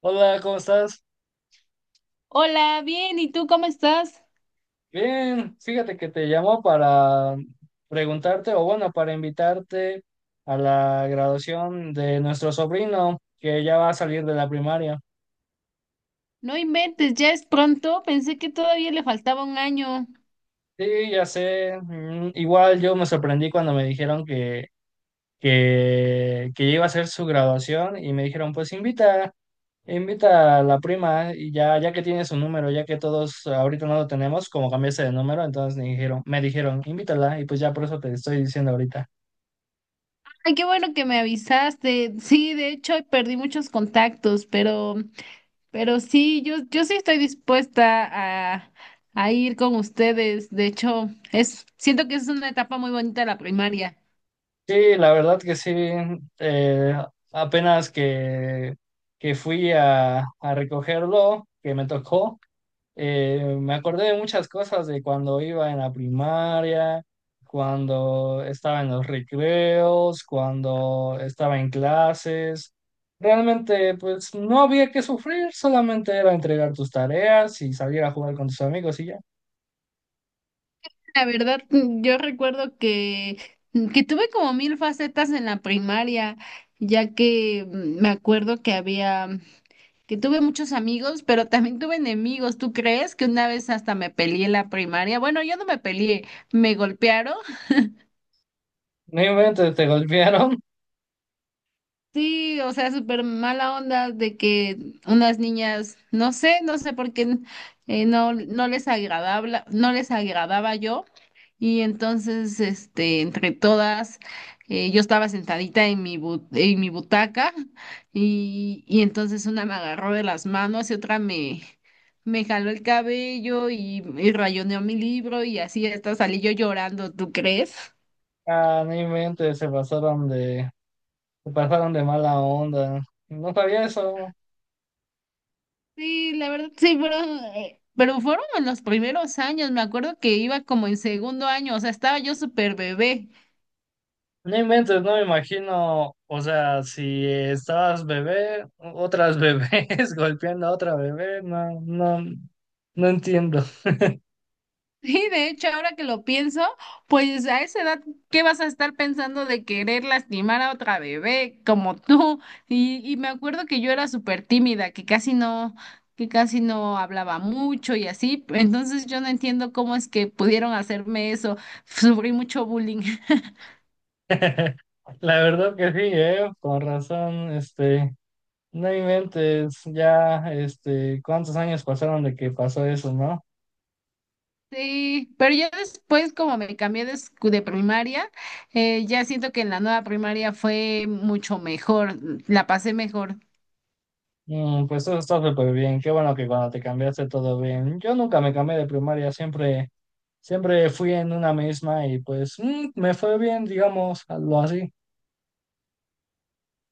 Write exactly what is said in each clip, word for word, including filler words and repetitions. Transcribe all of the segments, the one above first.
Hola, ¿cómo estás? Hola, bien, ¿y tú cómo estás? Bien, fíjate que te llamo para preguntarte, o bueno, para invitarte a la graduación de nuestro sobrino, que ya va a salir de la primaria. No inventes, ya es pronto, pensé que todavía le faltaba un año. Sí, ya sé. Mm, igual yo me sorprendí cuando me dijeron que, que, que iba a ser su graduación y me dijeron, pues invita, invita a la prima y ya, ya que tiene su número, ya que todos ahorita no lo tenemos, como cambiaste de número, entonces me dijeron, me dijeron, invítala y pues ya por eso te estoy diciendo ahorita. Ay, qué bueno que me avisaste. Sí, de hecho, hoy perdí muchos contactos, pero, pero sí, yo, yo sí estoy dispuesta a, a ir con ustedes. De hecho, es, siento que es una etapa muy bonita la primaria. Sí, la verdad que sí. eh, apenas que, que fui a, a recogerlo, que me tocó. Eh, me acordé de muchas cosas de cuando iba en la primaria, cuando estaba en los recreos, cuando estaba en clases. Realmente, pues no había que sufrir, solamente era entregar tus tareas y salir a jugar con tus amigos y ya. La verdad, mm, yo recuerdo que, mm, que tuve como mil facetas en la primaria, ya que mm, me acuerdo que había. Que tuve muchos amigos, pero también tuve enemigos. ¿Tú crees que una vez hasta me peleé en la primaria? Bueno, yo no me peleé, me golpearon. Ni inventes, te golpearon. Sí, o sea, súper mala onda de que unas niñas, no sé, no sé por qué eh, no, no les agradaba, no les agradaba yo. Y entonces, este, entre todas, eh, yo estaba sentadita en mi bu- en mi butaca, y, y entonces una me agarró de las manos y otra me, me jaló el cabello, y, y rayoneó mi libro y así hasta salí yo llorando, ¿tú crees? Ah, ni inventes, se pasaron de se pasaron de mala onda. No sabía eso. Sí, la verdad, sí, pero, eh, pero fueron en los primeros años, me acuerdo que iba como en segundo año, o sea, estaba yo súper bebé. No inventes, no me imagino. O sea, si estabas bebé, otras bebés golpeando a otra bebé, no, no, no entiendo. Sí, de hecho, ahora que lo pienso, pues a esa edad, ¿qué vas a estar pensando de querer lastimar a otra bebé como tú? Y, y me acuerdo que yo era súper tímida, que casi no, que casi no hablaba mucho y así, entonces yo no entiendo cómo es que pudieron hacerme eso, sufrí mucho bullying. La verdad que sí. Eh, con razón, este, no inventes. Ya, este, ¿cuántos años pasaron de que pasó eso, no? Sí, pero ya después, como me cambié de, escu- de primaria, eh, ya siento que en la nueva primaria fue mucho mejor, la pasé mejor. Mm, pues eso está súper bien. Qué bueno que cuando te cambiaste todo bien. Yo nunca me cambié de primaria, siempre, siempre fui en una misma y pues mm, me fue bien, digamos, algo así.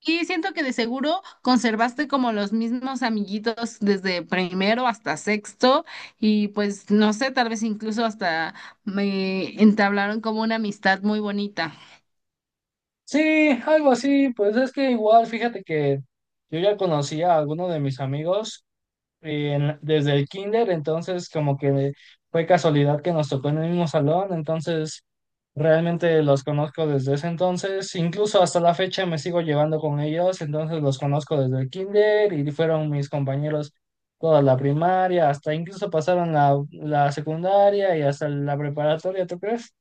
Y siento que de seguro conservaste como los mismos amiguitos desde primero hasta sexto, y pues no sé, tal vez incluso hasta me entablaron como una amistad muy bonita. Sí, algo así. Pues es que igual, fíjate que yo ya conocía a alguno de mis amigos en- desde el kinder, entonces como que fue casualidad que nos tocó en el mismo salón. Entonces realmente los conozco desde ese entonces, incluso hasta la fecha me sigo llevando con ellos. Entonces los conozco desde el kinder y fueron mis compañeros toda la primaria, hasta incluso pasaron la, la secundaria y hasta la preparatoria, ¿tú crees?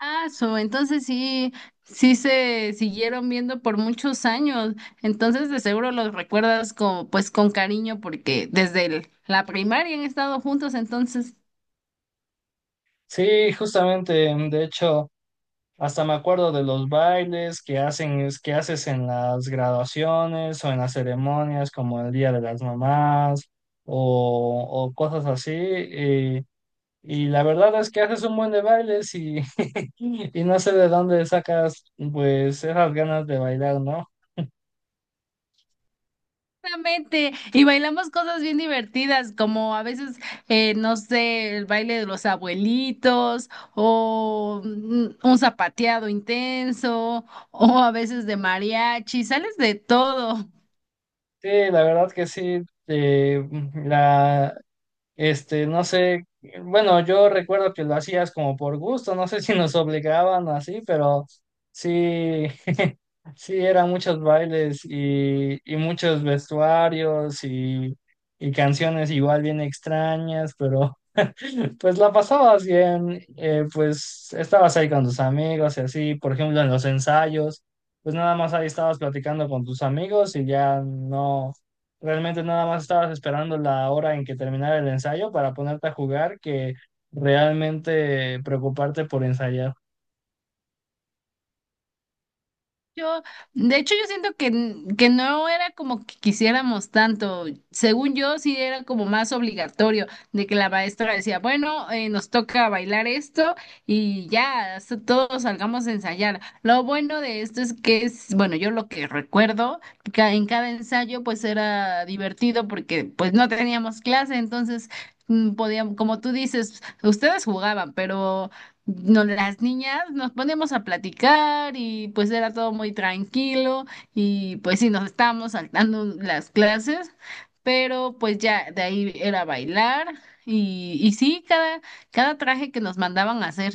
Ah, so, entonces sí, sí se siguieron viendo por muchos años. Entonces de seguro los recuerdas con, pues, con cariño porque desde el- la primaria han estado juntos, entonces. Sí, justamente, de hecho, hasta me acuerdo de los bailes que hacen, es- que haces en las graduaciones o en las ceremonias, como el Día de las Mamás o, o cosas así. Y, y la verdad es que haces un buen de bailes y, y no sé de dónde sacas pues esas ganas de bailar, ¿no? Exactamente. Y bailamos cosas bien divertidas, como a veces, eh, no sé, el baile de los abuelitos o mm, un zapateado intenso o a veces de mariachi, sales de todo. Sí, la verdad que sí. eh, la, este, no sé, bueno, yo recuerdo que lo hacías como por gusto, no sé si nos obligaban o así, pero sí, sí, eran muchos bailes y, y muchos vestuarios y, y canciones igual bien extrañas, pero pues la pasabas bien. Eh, pues estabas ahí con tus amigos y así. Por ejemplo, en los ensayos, pues nada más ahí estabas platicando con tus amigos y ya no, realmente nada más estabas esperando la hora en que terminara el ensayo para ponerte a jugar que realmente preocuparte por ensayar. Yo, de hecho, yo siento que, n- que no era como que quisiéramos tanto. Según yo, sí era como más obligatorio de que la maestra decía, bueno, eh, nos toca bailar esto y ya, hasta todos salgamos a ensayar. Lo bueno de esto es que es, bueno, yo lo que recuerdo, ca- en cada ensayo pues era divertido porque pues no teníamos clase, entonces mm, podíamos, como tú dices, ustedes jugaban, pero no, las niñas nos ponemos a platicar y pues era todo muy tranquilo, y pues sí, nos estábamos saltando las clases, pero pues ya de ahí era bailar, y, y sí, cada, cada traje que nos mandaban a hacer.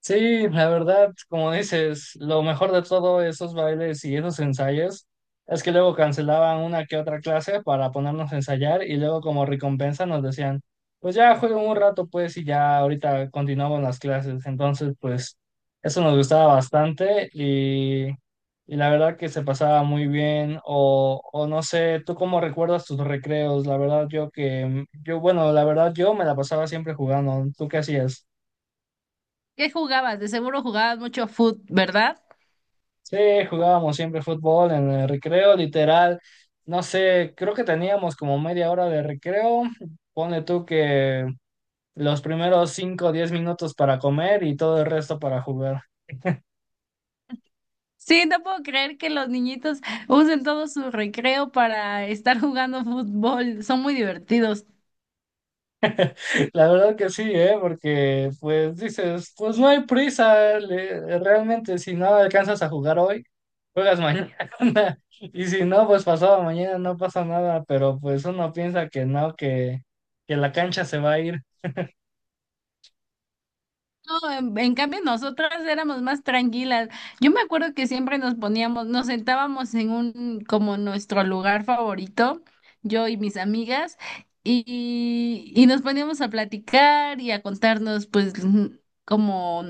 Sí, la verdad, como dices, lo mejor de todo esos bailes y esos ensayos es que luego cancelaban una que otra clase para ponernos a ensayar, y luego, como recompensa, nos decían, pues ya jueguen un rato pues, y ya ahorita continuamos las clases. Entonces, pues eso nos gustaba bastante y, y la verdad que se pasaba muy bien. O, o, no sé, ¿tú cómo recuerdas tus recreos? La verdad yo que, yo, bueno, la verdad, yo me la pasaba siempre jugando. ¿Tú qué hacías? ¿Qué jugabas? De seguro jugabas mucho fútbol, ¿verdad? Sí, jugábamos siempre fútbol en el recreo, literal. No sé, creo que teníamos como media hora de recreo. Ponle tú que los primeros cinco o diez minutos para comer y todo el resto para jugar. Sí, no puedo creer que los niñitos usen todo su recreo para estar jugando fútbol. Son muy divertidos. La verdad que sí, ¿eh? Porque pues dices, pues no hay prisa. Le- realmente, si no alcanzas a jugar hoy, juegas mañana. Y si no, pues pasado mañana no pasa nada. Pero pues uno piensa que no, que, que la cancha se va a ir. No, en, en cambio nosotras éramos más tranquilas. Yo me acuerdo que siempre nos poníamos, nos sentábamos en un, como nuestro lugar favorito, yo y mis amigas, y, y nos poníamos a platicar y a contarnos, pues, mm, como,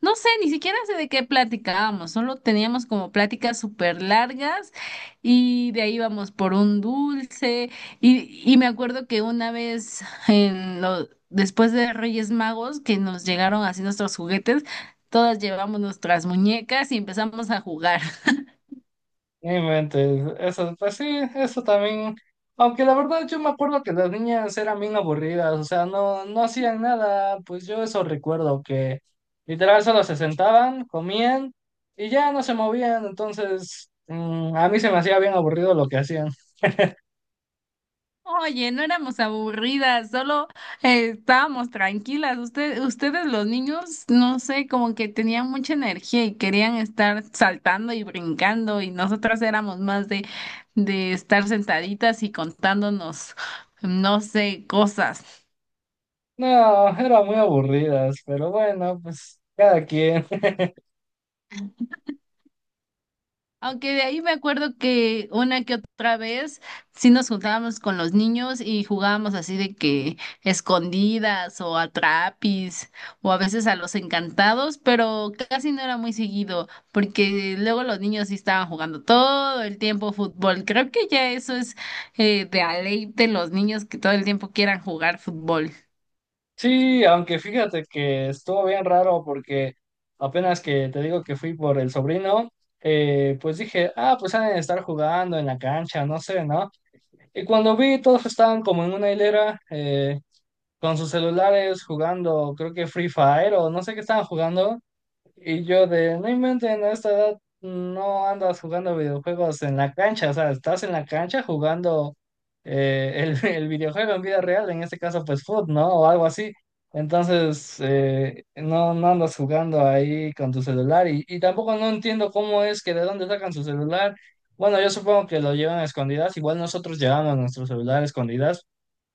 no sé, ni siquiera sé de qué platicábamos, solo teníamos como pláticas súper largas y de ahí íbamos por un dulce. Y, y me acuerdo que una vez, en lo- después de Reyes Magos, que nos llegaron así nuestros juguetes, todas llevamos nuestras muñecas y empezamos a jugar. No inventes, eso, pues sí, eso también. Aunque la verdad yo me acuerdo que las niñas eran bien aburridas. O sea, no, no hacían nada, pues yo eso recuerdo, que literal solo se sentaban, comían y ya no se movían. Entonces mm, a mí se me hacía bien aburrido lo que hacían. Oye, no éramos aburridas, solo eh, estábamos tranquilas. Usted- ustedes los niños, no sé, como que tenían mucha energía y querían estar saltando y brincando, y nosotras éramos más de, de estar sentaditas y contándonos, no sé, cosas. No, eran muy aburridas, pero bueno, pues cada quien. Aunque de ahí me acuerdo que una que otra vez sí nos juntábamos con los niños y jugábamos así de que escondidas o a trapis o a veces a los encantados, pero casi no era muy seguido porque luego los niños sí estaban jugando todo el tiempo fútbol. Creo que ya eso es, eh, de a ley de los niños, que todo el tiempo quieran jugar fútbol. Sí, aunque fíjate que estuvo bien raro porque apenas que te digo que fui por el sobrino, eh, pues dije, ah, pues han de estar jugando en la cancha, no sé, ¿no? Y cuando vi, todos estaban como en una hilera, eh, con sus celulares jugando. Creo que Free Fire o no sé qué estaban jugando. Y yo de, no inventen, a esta edad no andas jugando videojuegos en la cancha. O sea, estás en la cancha jugando, eh, el, el videojuego en vida real, en este caso pues foot, ¿no? O algo así. Entonces, eh, no, no andas jugando ahí con tu celular, y, y tampoco no entiendo cómo es que de dónde sacan su celular. Bueno, yo supongo que lo llevan a escondidas, igual nosotros llevamos nuestro celular a escondidas,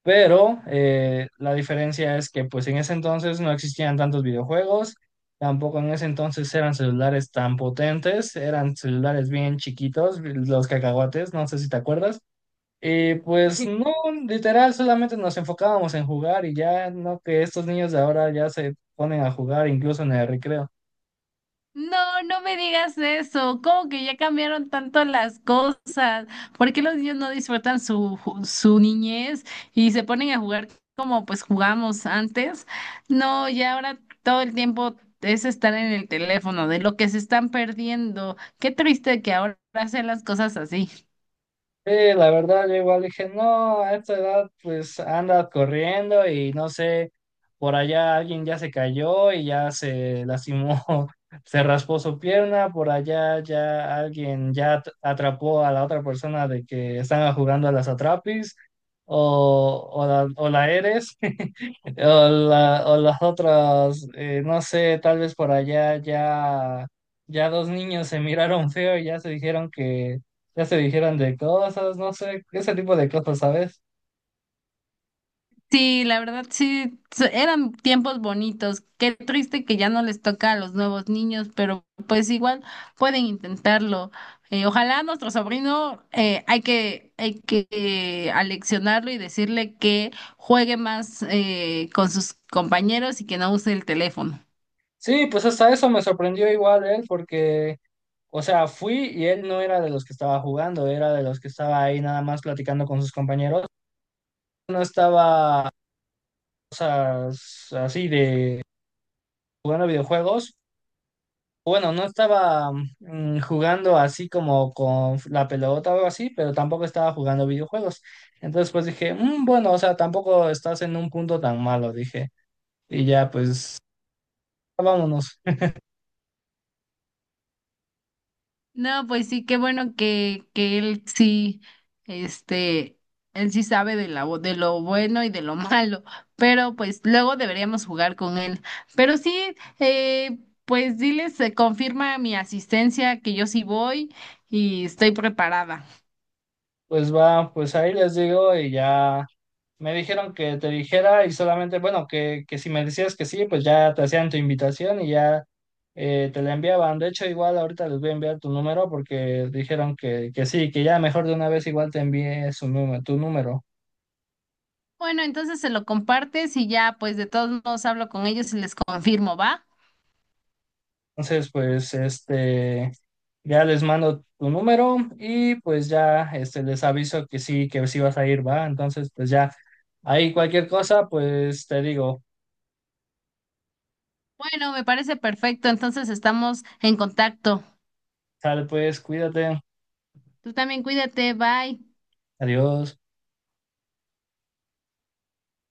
pero eh, la diferencia es que pues en ese entonces no existían tantos videojuegos, tampoco en ese entonces eran celulares tan potentes, eran celulares bien chiquitos, los cacahuates, no sé si te acuerdas. Y pues no, literal, solamente nos enfocábamos en jugar y ya no que estos niños de ahora ya se ponen a jugar incluso en el recreo. No, no me digas eso. ¿Cómo que ya cambiaron tanto las cosas? ¿Por qué los niños no disfrutan su, ju- su niñez y se ponen a jugar como pues jugamos antes? No, ya ahora todo el tiempo es estar en el teléfono, de lo que se están perdiendo. Qué triste que ahora hacen las cosas así. Sí, la verdad, yo igual dije, no, a esta edad pues anda corriendo y no sé, por allá alguien ya se cayó y ya se lastimó, se raspó su pierna, por allá ya alguien ya at- atrapó a la otra persona de que están jugando a las atrapis o, o la, o la eres, o, la- o las otras. Eh, no sé, tal vez por allá ya, ya dos niños se miraron feo y ya se dijeron ya se dijeron de cosas, no sé, ese tipo de cosas, ¿sabes? Sí, la verdad sí, so- eran tiempos bonitos. Qué triste que ya no les toca a los nuevos niños, pero pues igual pueden intentarlo. Eh, ojalá nuestro sobrino, eh, hay que, hay que eh, aleccionarlo y decirle que juegue más, eh, con sus compañeros y que no use el teléfono. Sí, pues hasta eso me sorprendió, igual él, porque, o sea, fui y él no era de los que estaba jugando, era de los que estaba ahí nada más platicando con sus compañeros, no estaba, o sea, s- así de jugando videojuegos. Bueno, no estaba mm, jugando así como con la pelota o algo así, pero tampoco estaba jugando videojuegos. Entonces pues dije: "Mm, bueno, o sea, tampoco estás en un punto tan malo", dije. Y ya pues, vámonos. No, pues sí, qué bueno que, que él sí, este, él sí sabe de la, de lo bueno y de lo malo, pero pues luego deberíamos jugar con él. Pero sí, eh, pues diles, eh, confirma mi asistencia, que yo sí voy y estoy preparada. Pues va, pues ahí les digo, y ya me dijeron que te dijera y solamente, bueno, que, que si me decías que sí, pues ya te hacían tu invitación, y ya eh, te la enviaban. De hecho, igual ahorita les voy a enviar tu número porque dijeron que, que sí, que ya mejor de una vez igual te envié su número, tu número. Bueno, entonces se lo compartes y ya, pues de todos modos hablo con ellos y les confirmo, ¿va? Entonces, pues este, ya les mando tu número y pues ya este, les aviso que sí, que sí vas a ir, va. Entonces, pues ya ahí cualquier cosa, pues te digo, Bueno, me parece perfecto, entonces estamos en contacto. sale pues, cuídate. Tú también cuídate, bye. Adiós.